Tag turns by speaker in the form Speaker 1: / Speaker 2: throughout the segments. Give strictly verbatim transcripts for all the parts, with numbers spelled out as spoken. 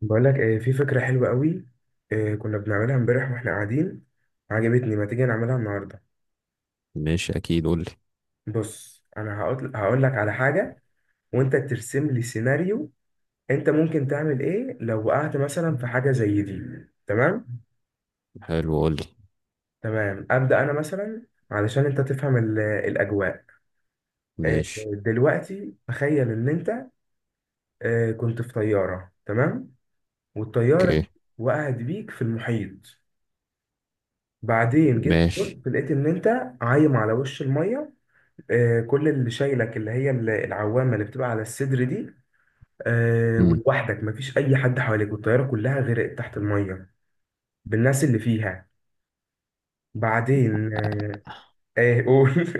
Speaker 1: بقول لك ايه، في فكرة حلوة قوي. إيه كنا بنعملها امبارح واحنا قاعدين، عجبتني. ما تيجي نعملها النهاردة؟
Speaker 2: ماشي، اكيد قول لي.
Speaker 1: بص، انا هقول هقول لك على حاجة، وانت ترسم لي سيناريو. انت ممكن تعمل ايه لو وقعت مثلا في حاجة زي دي؟ تمام.
Speaker 2: حلو قول لي.
Speaker 1: تمام، ابدأ انا مثلا، علشان انت تفهم ال- الاجواء. إيه،
Speaker 2: ماشي.
Speaker 1: دلوقتي تخيل ان انت إيه كنت في طيارة، تمام، والطيارة
Speaker 2: اوكي.
Speaker 1: دي وقعت بيك في المحيط. بعدين جيت بص،
Speaker 2: ماشي.
Speaker 1: لقيت ان انت عايم على وش المية. آه، كل اللي شايلك اللي هي ال- العوامه اللي بتبقى على الصدر دي. آه،
Speaker 2: مم.
Speaker 1: ولوحدك، مفيش اي حد حواليك، والطياره كلها غرقت تحت الميه بالناس اللي فيها. بعدين آه، ايه، قول.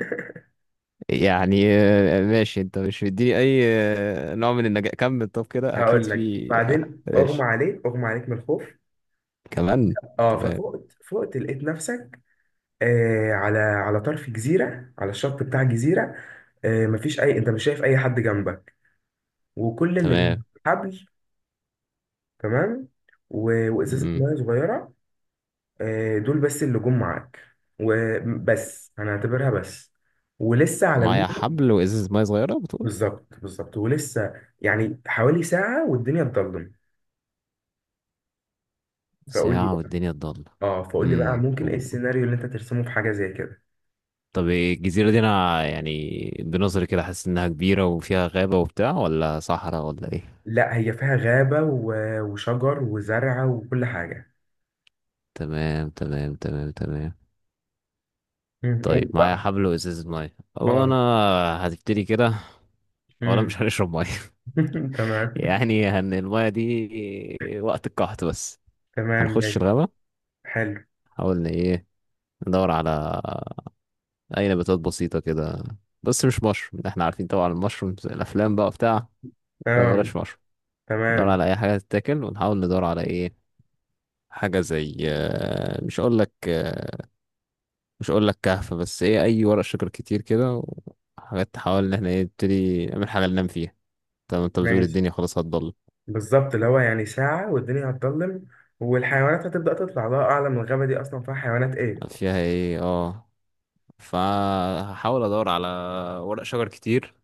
Speaker 2: يعني آه، ماشي، انت مش مديني اي آه، نوع من النجاح. كمل، طب كده اكيد
Speaker 1: هقول لك.
Speaker 2: في آه،
Speaker 1: بعدين اغمى
Speaker 2: ماشي.
Speaker 1: عليك اغمى عليك من الخوف.
Speaker 2: كمان.
Speaker 1: اه،
Speaker 2: تمام
Speaker 1: ففقت فقت لقيت نفسك آه على على طرف جزيره، على الشط بتاع جزيره. آه مفيش اي، انت مش شايف اي حد جنبك، وكل اللي
Speaker 2: تمام.
Speaker 1: جنبك حبل. تمام، و... وازازه
Speaker 2: مم.
Speaker 1: ميه صغيره. آه، دول بس اللي جم معاك، وبس انا هعتبرها بس، ولسه على
Speaker 2: معايا
Speaker 1: النت.
Speaker 2: حبل وازازة مية صغيرة بتقول؟
Speaker 1: بالظبط بالظبط ولسه، يعني حوالي ساعة والدنيا اتضلم. فقول لي
Speaker 2: ساعة
Speaker 1: بقى،
Speaker 2: والدنيا ضلمة؟
Speaker 1: اه فقول لي بقى
Speaker 2: امم
Speaker 1: ممكن ايه
Speaker 2: و...
Speaker 1: السيناريو اللي انت ترسمه في حاجة زي كده.
Speaker 2: طب الجزيرة دي انا يعني بنظري كده حاسس انها كبيرة وفيها غابة وبتاع، ولا صحراء ولا ايه؟
Speaker 1: لا، هي فيها غابة و- وشجر وزرع وكل حاجة.
Speaker 2: تمام تمام تمام تمام.
Speaker 1: مم، قول
Speaker 2: طيب معايا
Speaker 1: بقى.
Speaker 2: حبل وازازة مية، هو
Speaker 1: اه.
Speaker 2: انا هتبتدي كده؟ اولا
Speaker 1: مم.
Speaker 2: مش هنشرب مية.
Speaker 1: تمام.
Speaker 2: يعني هن المية دي وقت القحط بس.
Speaker 1: تمام
Speaker 2: هنخش
Speaker 1: ماشي.
Speaker 2: الغابة،
Speaker 1: حلو.
Speaker 2: حاول إن ايه، ندور على اي نباتات بسيطة كده، بس مش مشروم، احنا عارفين طبعا المشروم في الافلام بقى بتاع،
Speaker 1: اه.
Speaker 2: فبلاش مشروم. ندور
Speaker 1: تمام
Speaker 2: على اي حاجة تتاكل، ونحاول ندور على ايه، حاجة زي آه، مش اقول لك آه، مش اقول لك كهف، بس ايه اي ورق شجر كتير كده وحاجات، تحاول ان احنا ايه نبتدي نعمل حاجة ننام فيها. طب انت بتقول
Speaker 1: ماشي.
Speaker 2: الدنيا خلاص هتضل؟
Speaker 1: بالظبط، اللي هو يعني ساعة والدنيا هتضلم، والحيوانات هتبدأ تطلع، الله أعلم الغابة دي أصلا فيها حيوانات إيه.
Speaker 2: فيها ايه، اه. فهحاول ادور على ورق شجر كتير،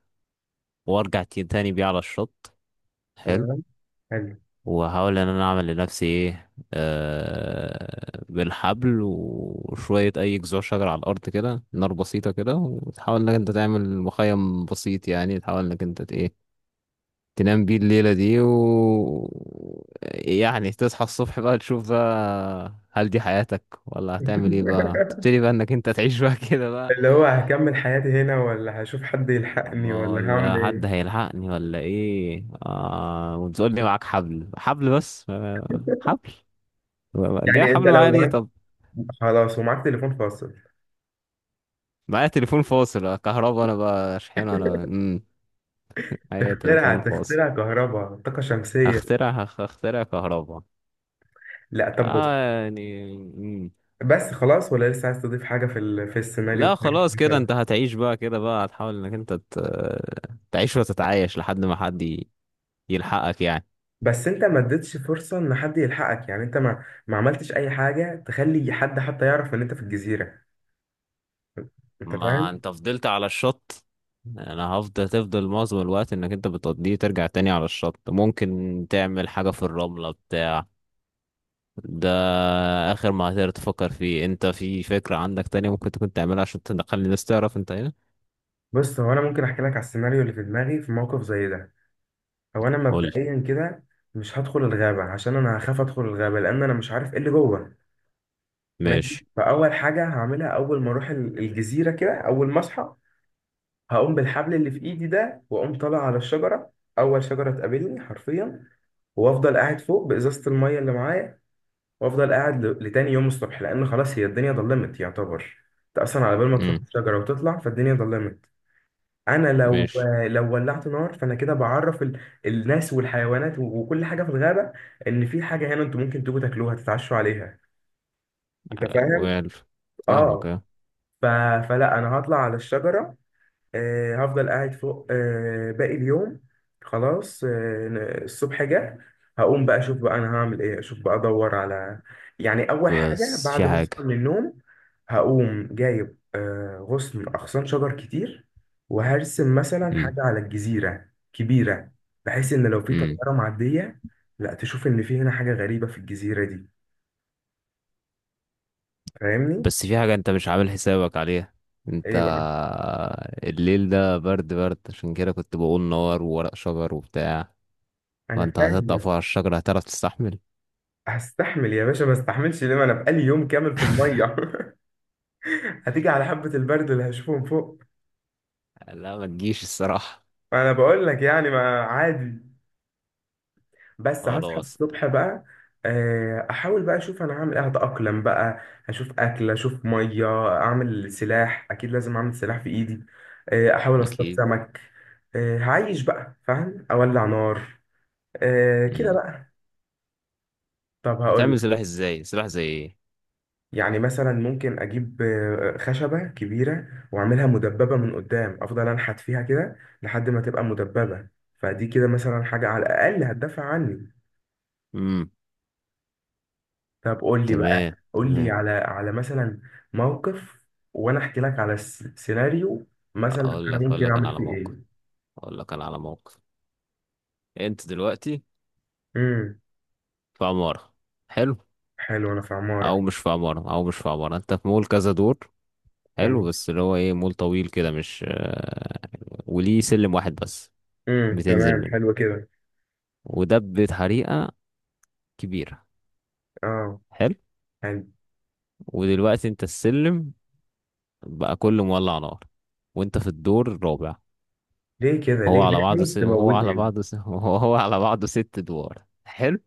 Speaker 2: وارجع تي- تاني بيه على الشط. حلو.
Speaker 1: تمام. حلو.
Speaker 2: وهحاول ان انا اعمل لنفسي ايه آه بالحبل وشوية اي جذوع شجر على الارض كده، نار بسيطة كده. وتحاول انك انت تعمل مخيم بسيط، يعني تحاول انك انت ت- ايه، تنام بيه الليلة دي. و يعني تصحى الصبح بقى، تشوف بقى هل دي حياتك، ولا هتعمل ايه بقى، تبتدي بقى انك انت تعيش بقى كده بقى.
Speaker 1: اللي هو هكمل حياتي هنا، ولا هشوف حد يلحقني،
Speaker 2: ما
Speaker 1: ولا هعمل
Speaker 2: ولا حد
Speaker 1: إيه.
Speaker 2: هيلحقني ولا ايه؟ آه وتقول لي معاك حبل، حبل بس، آه، حبل. جاي
Speaker 1: يعني أنت
Speaker 2: حبل معايا
Speaker 1: لو
Speaker 2: ليه
Speaker 1: معاك،
Speaker 2: طب؟
Speaker 1: خلاص، ومعاك تليفون فاصل.
Speaker 2: معايا تليفون فاصل؟ آه، كهربا انا بقى شحن انا، امم، معايا
Speaker 1: تخترع
Speaker 2: تليفون فاصل.
Speaker 1: تخترع كهرباء طاقة شمسية.
Speaker 2: هخترع هخترع كهربا.
Speaker 1: لا طب بص.
Speaker 2: اه يعني.
Speaker 1: بس خلاص، ولا لسه عايز تضيف حاجة في ال... في السيناريو
Speaker 2: لا
Speaker 1: بتاعك
Speaker 2: خلاص كده
Speaker 1: مثلا؟
Speaker 2: انت هتعيش بقى كده بقى، هتحاول انك انت ت- تعيش وتتعايش لحد ما حد ي- يلحقك يعني.
Speaker 1: بس أنت ما اديتش فرصة إن حد يلحقك، يعني أنت ما ما عملتش أي حاجة تخلي حد حتى يعرف إن أنت في الجزيرة. انت
Speaker 2: ما
Speaker 1: فاهم؟
Speaker 2: انت فضلت على الشط. انا هفضل، تفضل معظم الوقت انك انت بتقضيه ترجع تاني على الشط. ممكن تعمل حاجة في الرملة بتاع ده، اخر ما هتقدر تفكر فيه. انت في فكرة عندك تانية ممكن تكون تعملها عشان تخلي الناس تعرف انت هنا؟
Speaker 1: بص، هو انا ممكن احكي لك على السيناريو اللي في دماغي في موقف زي ده. هو انا
Speaker 2: قولي.
Speaker 1: مبدئيا كده مش هدخل الغابه، عشان انا هخاف ادخل الغابه، لان انا مش عارف ايه اللي جوه. ماشي.
Speaker 2: ماشي.
Speaker 1: فاول حاجه هعملها اول ما اروح ال- الجزيره كده، اول ما اصحى، هقوم بالحبل اللي في ايدي ده، واقوم طالع على الشجره. اول شجره تقابلني حرفيا، وافضل قاعد فوق بازازه الميه اللي معايا. وافضل قاعد ل- لتاني يوم الصبح، لان خلاص هي الدنيا ضلمت يعتبر. انت اصلا على بال ما تروح
Speaker 2: امم.
Speaker 1: الشجره وتطلع، فالدنيا ضلمت. انا لو،
Speaker 2: ماشي.
Speaker 1: لو ولعت نار، فانا كده بعرف ال... الناس والحيوانات و- وكل حاجه في الغابه، ان في حاجه هنا، انتوا ممكن تيجوا تاكلوها تتعشوا عليها. انت فاهم؟
Speaker 2: ويل، فاهمك
Speaker 1: اه.
Speaker 2: اه.
Speaker 1: ف... فلا، انا هطلع على الشجره. آه، هفضل قاعد فوق آه، باقي اليوم. خلاص، آه، ن- الصبح جه. هقوم بقى اشوف بقى انا هعمل ايه، اشوف بقى ادور على، يعني اول حاجه
Speaker 2: بس
Speaker 1: بعد
Speaker 2: في
Speaker 1: ما اصحى
Speaker 2: حاجة.
Speaker 1: من النوم. هقوم جايب آه، غصن اغصان شجر كتير، وهرسم مثلا حاجه على الجزيره كبيره، بحيث ان لو في
Speaker 2: امم.
Speaker 1: طياره معديه، لا تشوف ان في هنا حاجه غريبه في الجزيره دي. فاهمني؟
Speaker 2: بس في حاجة انت مش عامل حسابك عليها. انت،
Speaker 1: ايه بقى؟
Speaker 2: الليل ده برد برد، عشان كده كنت بقول نار وورق شجر وبتاع.
Speaker 1: انا
Speaker 2: فانت
Speaker 1: فاهم
Speaker 2: هتطلع
Speaker 1: بس.
Speaker 2: فوق على الشجرة هتعرف تستحمل؟
Speaker 1: هستحمل يا باشا، ما استحملش ليه؟ ما انا بقالي يوم كامل في الميه. هتيجي على حبة البرد اللي هشوفه من فوق.
Speaker 2: لا ما تجيش الصراحة.
Speaker 1: انا بقول لك يعني، ما عادي. بس هصحى
Speaker 2: خلاص.
Speaker 1: الصبح بقى، آه، احاول بقى اشوف انا هعمل ايه، هتأقلم بقى، هشوف اكل، اشوف مية، اعمل سلاح، اكيد لازم اعمل سلاح في ايدي. آه، احاول اصطاد
Speaker 2: اكيد.
Speaker 1: سمك. آه، هعيش بقى، فاهم، اولع نار. آه، كده
Speaker 2: مم.
Speaker 1: بقى. طب هقول،
Speaker 2: هتعمل سلاح ازاي؟ سلاح زي ايه؟
Speaker 1: يعني مثلا ممكن اجيب آه، خشبة كبيرة واعملها مدببة من قدام، افضل انحت فيها كده لحد ما تبقى مدببة. فدي كده مثلا حاجة على الاقل هتدافع عني.
Speaker 2: امم.
Speaker 1: طب قول لي بقى،
Speaker 2: تمام
Speaker 1: قول لي
Speaker 2: تمام.
Speaker 1: على، على مثلا موقف، وانا احكي لك على س- سيناريو مثلا
Speaker 2: اقول لك،
Speaker 1: انا
Speaker 2: اقول
Speaker 1: ممكن
Speaker 2: لك انا
Speaker 1: اعمل
Speaker 2: على
Speaker 1: فيه
Speaker 2: موقف.
Speaker 1: ايه.
Speaker 2: اقول لك انا على موقف. انت دلوقتي
Speaker 1: امم،
Speaker 2: في عمارة. حلو.
Speaker 1: حلو، انا في
Speaker 2: او
Speaker 1: عمارة.
Speaker 2: مش في عمارة، او مش في عمارة، انت في مول كذا دور. حلو،
Speaker 1: تمام.
Speaker 2: بس اللي هو ايه، مول طويل كده مش آه، وليه سلم واحد بس
Speaker 1: امم
Speaker 2: بتنزل
Speaker 1: تمام
Speaker 2: منه.
Speaker 1: حلو كده.
Speaker 2: وده بطريقة كبيرة.
Speaker 1: اه
Speaker 2: حلو.
Speaker 1: يعني،
Speaker 2: ودلوقتي انت السلم بقى كله مولع نار، وانت في الدور الرابع.
Speaker 1: ليه كده،
Speaker 2: وهو
Speaker 1: ليه
Speaker 2: على
Speaker 1: ليه
Speaker 2: بعضه س...
Speaker 1: عايز
Speaker 2: وهو على
Speaker 1: تموتني؟
Speaker 2: بعضه س... وهو على بعضه ست ادوار. حلو.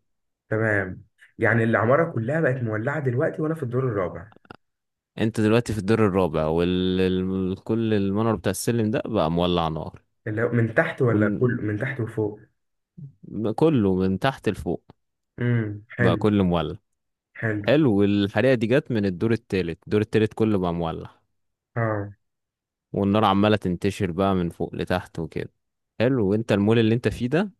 Speaker 1: تمام، يعني العمارة كلها بقت مولعة دلوقتي، وانا في الدور الرابع.
Speaker 2: انت دلوقتي في الدور الرابع، وال ال- كل المنور بتاع السلم ده بقى مولع نار.
Speaker 1: اللي هو من تحت، ولا
Speaker 2: وكله
Speaker 1: كله من تحت وفوق؟
Speaker 2: كله من تحت لفوق،
Speaker 1: امم،
Speaker 2: بقى
Speaker 1: حلو.
Speaker 2: كله مولع.
Speaker 1: حلو.
Speaker 2: حلو. والحريقة دي جت من الدور التالت، الدور التالت كله بقى مولع.
Speaker 1: اه.
Speaker 2: والنار عمالة تنتشر بقى من فوق لتحت وكده. حلو. وانت المول اللي انت فيه ده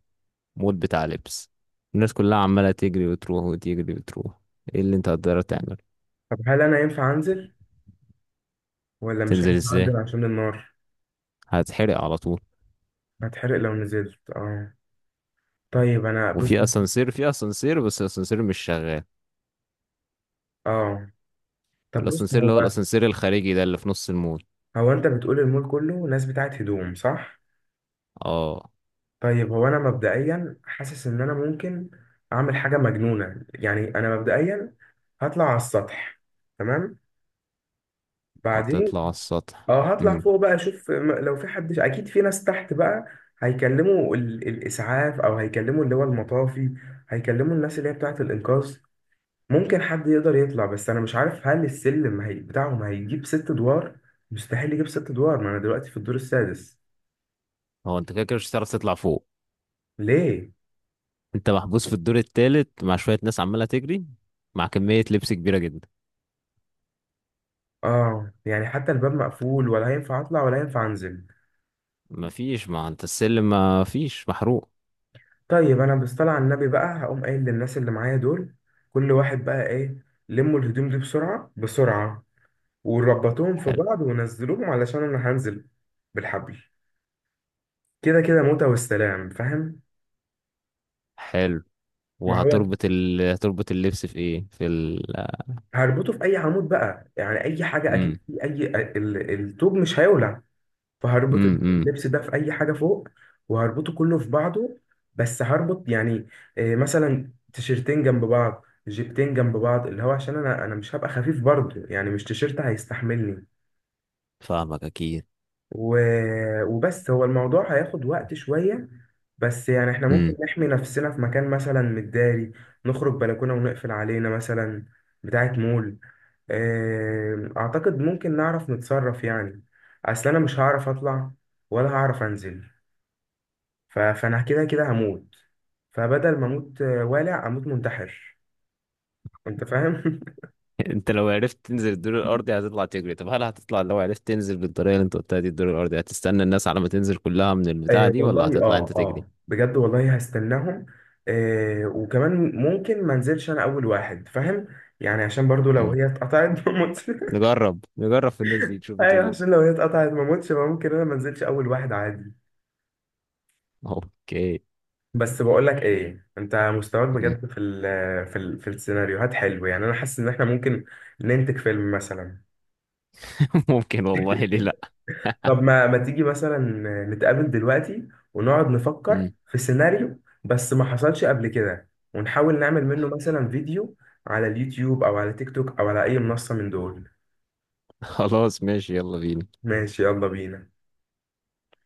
Speaker 2: مول بتاع لبس. الناس كلها عمالة تجري وتروح وتجري وتروح. ايه اللي انت هتقدر تعمل؟
Speaker 1: طب هل انا ينفع انزل، ولا مش
Speaker 2: تنزل
Speaker 1: هينفع انزل
Speaker 2: ازاي؟
Speaker 1: عشان النار؟
Speaker 2: هتحرق على طول.
Speaker 1: هتحرق لو نزلت، اه. طيب انا بص،
Speaker 2: وفي اسانسير، في اسانسير بس الاسانسير مش شغال،
Speaker 1: اه. طب بص،
Speaker 2: الاسانسير اللي
Speaker 1: هو
Speaker 2: هو الاسانسير الخارجي ده اللي في نص المول.
Speaker 1: هو انت بتقول المول كله ناس بتاعت هدوم، صح؟
Speaker 2: اه.
Speaker 1: طيب، هو انا مبدئيا حاسس ان انا ممكن اعمل حاجة مجنونة. يعني انا مبدئيا هطلع على السطح. تمام. بعدين
Speaker 2: هتطلع على السطح؟
Speaker 1: اه، هطلع
Speaker 2: امم.
Speaker 1: فوق بقى اشوف م- لو في حد، اكيد في ناس تحت بقى هيكلموا ال... الاسعاف، او هيكلموا اللي هو المطافي، هيكلموا الناس اللي هي بتاعه الانقاذ. ممكن حد يقدر يطلع، بس انا مش عارف هل السلم هي... بتاعهم هيجيب ست ادوار. مستحيل يجيب ست ادوار، ما انا دلوقتي في الدور السادس.
Speaker 2: هو انت كده كده مش هتعرف تطلع فوق.
Speaker 1: ليه؟
Speaker 2: انت محبوس في الدور التالت مع شوية ناس عمالة تجري، مع كمية لبس كبيرة جدا.
Speaker 1: اه يعني، حتى الباب مقفول؟ ولا هينفع اطلع ولا هينفع انزل.
Speaker 2: مفيش، ما انت السلم مفيش محروق.
Speaker 1: طيب انا بصطلع على النبي بقى، هقوم قايل للناس اللي معايا دول كل واحد بقى ايه، لموا الهدوم دي بسرعة بسرعة، وربطوهم في
Speaker 2: حلو.
Speaker 1: بعض ونزلوهم علشان انا هنزل بالحبل. كده كده موتة والسلام، فاهم؟
Speaker 2: حلو.
Speaker 1: ما هو
Speaker 2: وهتربط ال... هتربط اللبس في ايه، في ال،
Speaker 1: هربطه في اي عمود بقى، يعني اي حاجه اجيب
Speaker 2: امم،
Speaker 1: فيه اي، ال- الطوب مش هيولع، فهربط
Speaker 2: امم. امم.
Speaker 1: اللبس ده في اي حاجه فوق، وهربطه كله في بعضه. بس هربط يعني آه، مثلا تيشرتين جنب بعض، جيبتين جنب بعض، اللي هو عشان انا، انا مش هبقى خفيف برضه، يعني مش تيشرت هيستحملني.
Speaker 2: فاهمك اكيد.
Speaker 1: و... وبس، هو الموضوع هياخد وقت شوية، بس يعني احنا ممكن
Speaker 2: امم.
Speaker 1: نحمي نفسنا في مكان مثلا متداري، نخرج بلكونة ونقفل علينا مثلا بتاعة مول. آه، اعتقد ممكن نعرف نتصرف، يعني اصل انا مش هعرف اطلع، ولا هعرف انزل، ف... فانا كده كده هموت، فبدل ما اموت آه، والع اموت منتحر، انت فاهم؟
Speaker 2: انت لو عرفت تنزل الدور الارضي هتطلع تجري، طب هل هتطلع، لو عرفت تنزل بالطريقه اللي انت قلتها دي الدور الارضي، هتستنى الناس على ما تنزل كلها من البتاعه
Speaker 1: آه
Speaker 2: دي، ولا
Speaker 1: والله،
Speaker 2: هتطلع
Speaker 1: اه
Speaker 2: انت تجري؟
Speaker 1: اه بجد والله هستناهم. آه وكمان ممكن ما انزلش انا اول واحد، فاهم، يعني عشان برضو لو
Speaker 2: امم.
Speaker 1: هي اتقطعت ما اموتش.
Speaker 2: نجرب، نجرب في الناس دي تشوف
Speaker 1: ايوه،
Speaker 2: بتقول
Speaker 1: عشان
Speaker 2: ايه.
Speaker 1: لو هي اتقطعت ما اموتش، ممكن انا ما انزلش اول واحد، عادي.
Speaker 2: اوكي.
Speaker 1: بس بقول لك ايه، انت مستواك
Speaker 2: مم.
Speaker 1: بجد في ال في ال في السيناريوهات حلو، يعني انا حاسس ان احنا ممكن ننتج فيلم مثلا.
Speaker 2: ممكن والله، ليه لا.
Speaker 1: طب ما ما تيجي مثلا نتقابل دلوقتي، ونقعد نفكر
Speaker 2: مم.
Speaker 1: في سيناريو، بس ما حصلش قبل كده، ونحاول نعمل منه مثلا فيديو على اليوتيوب، او على تيك توك، او على اي منصة من دول.
Speaker 2: خلاص ماشي يلا بينا.
Speaker 1: ماشي يلا بينا.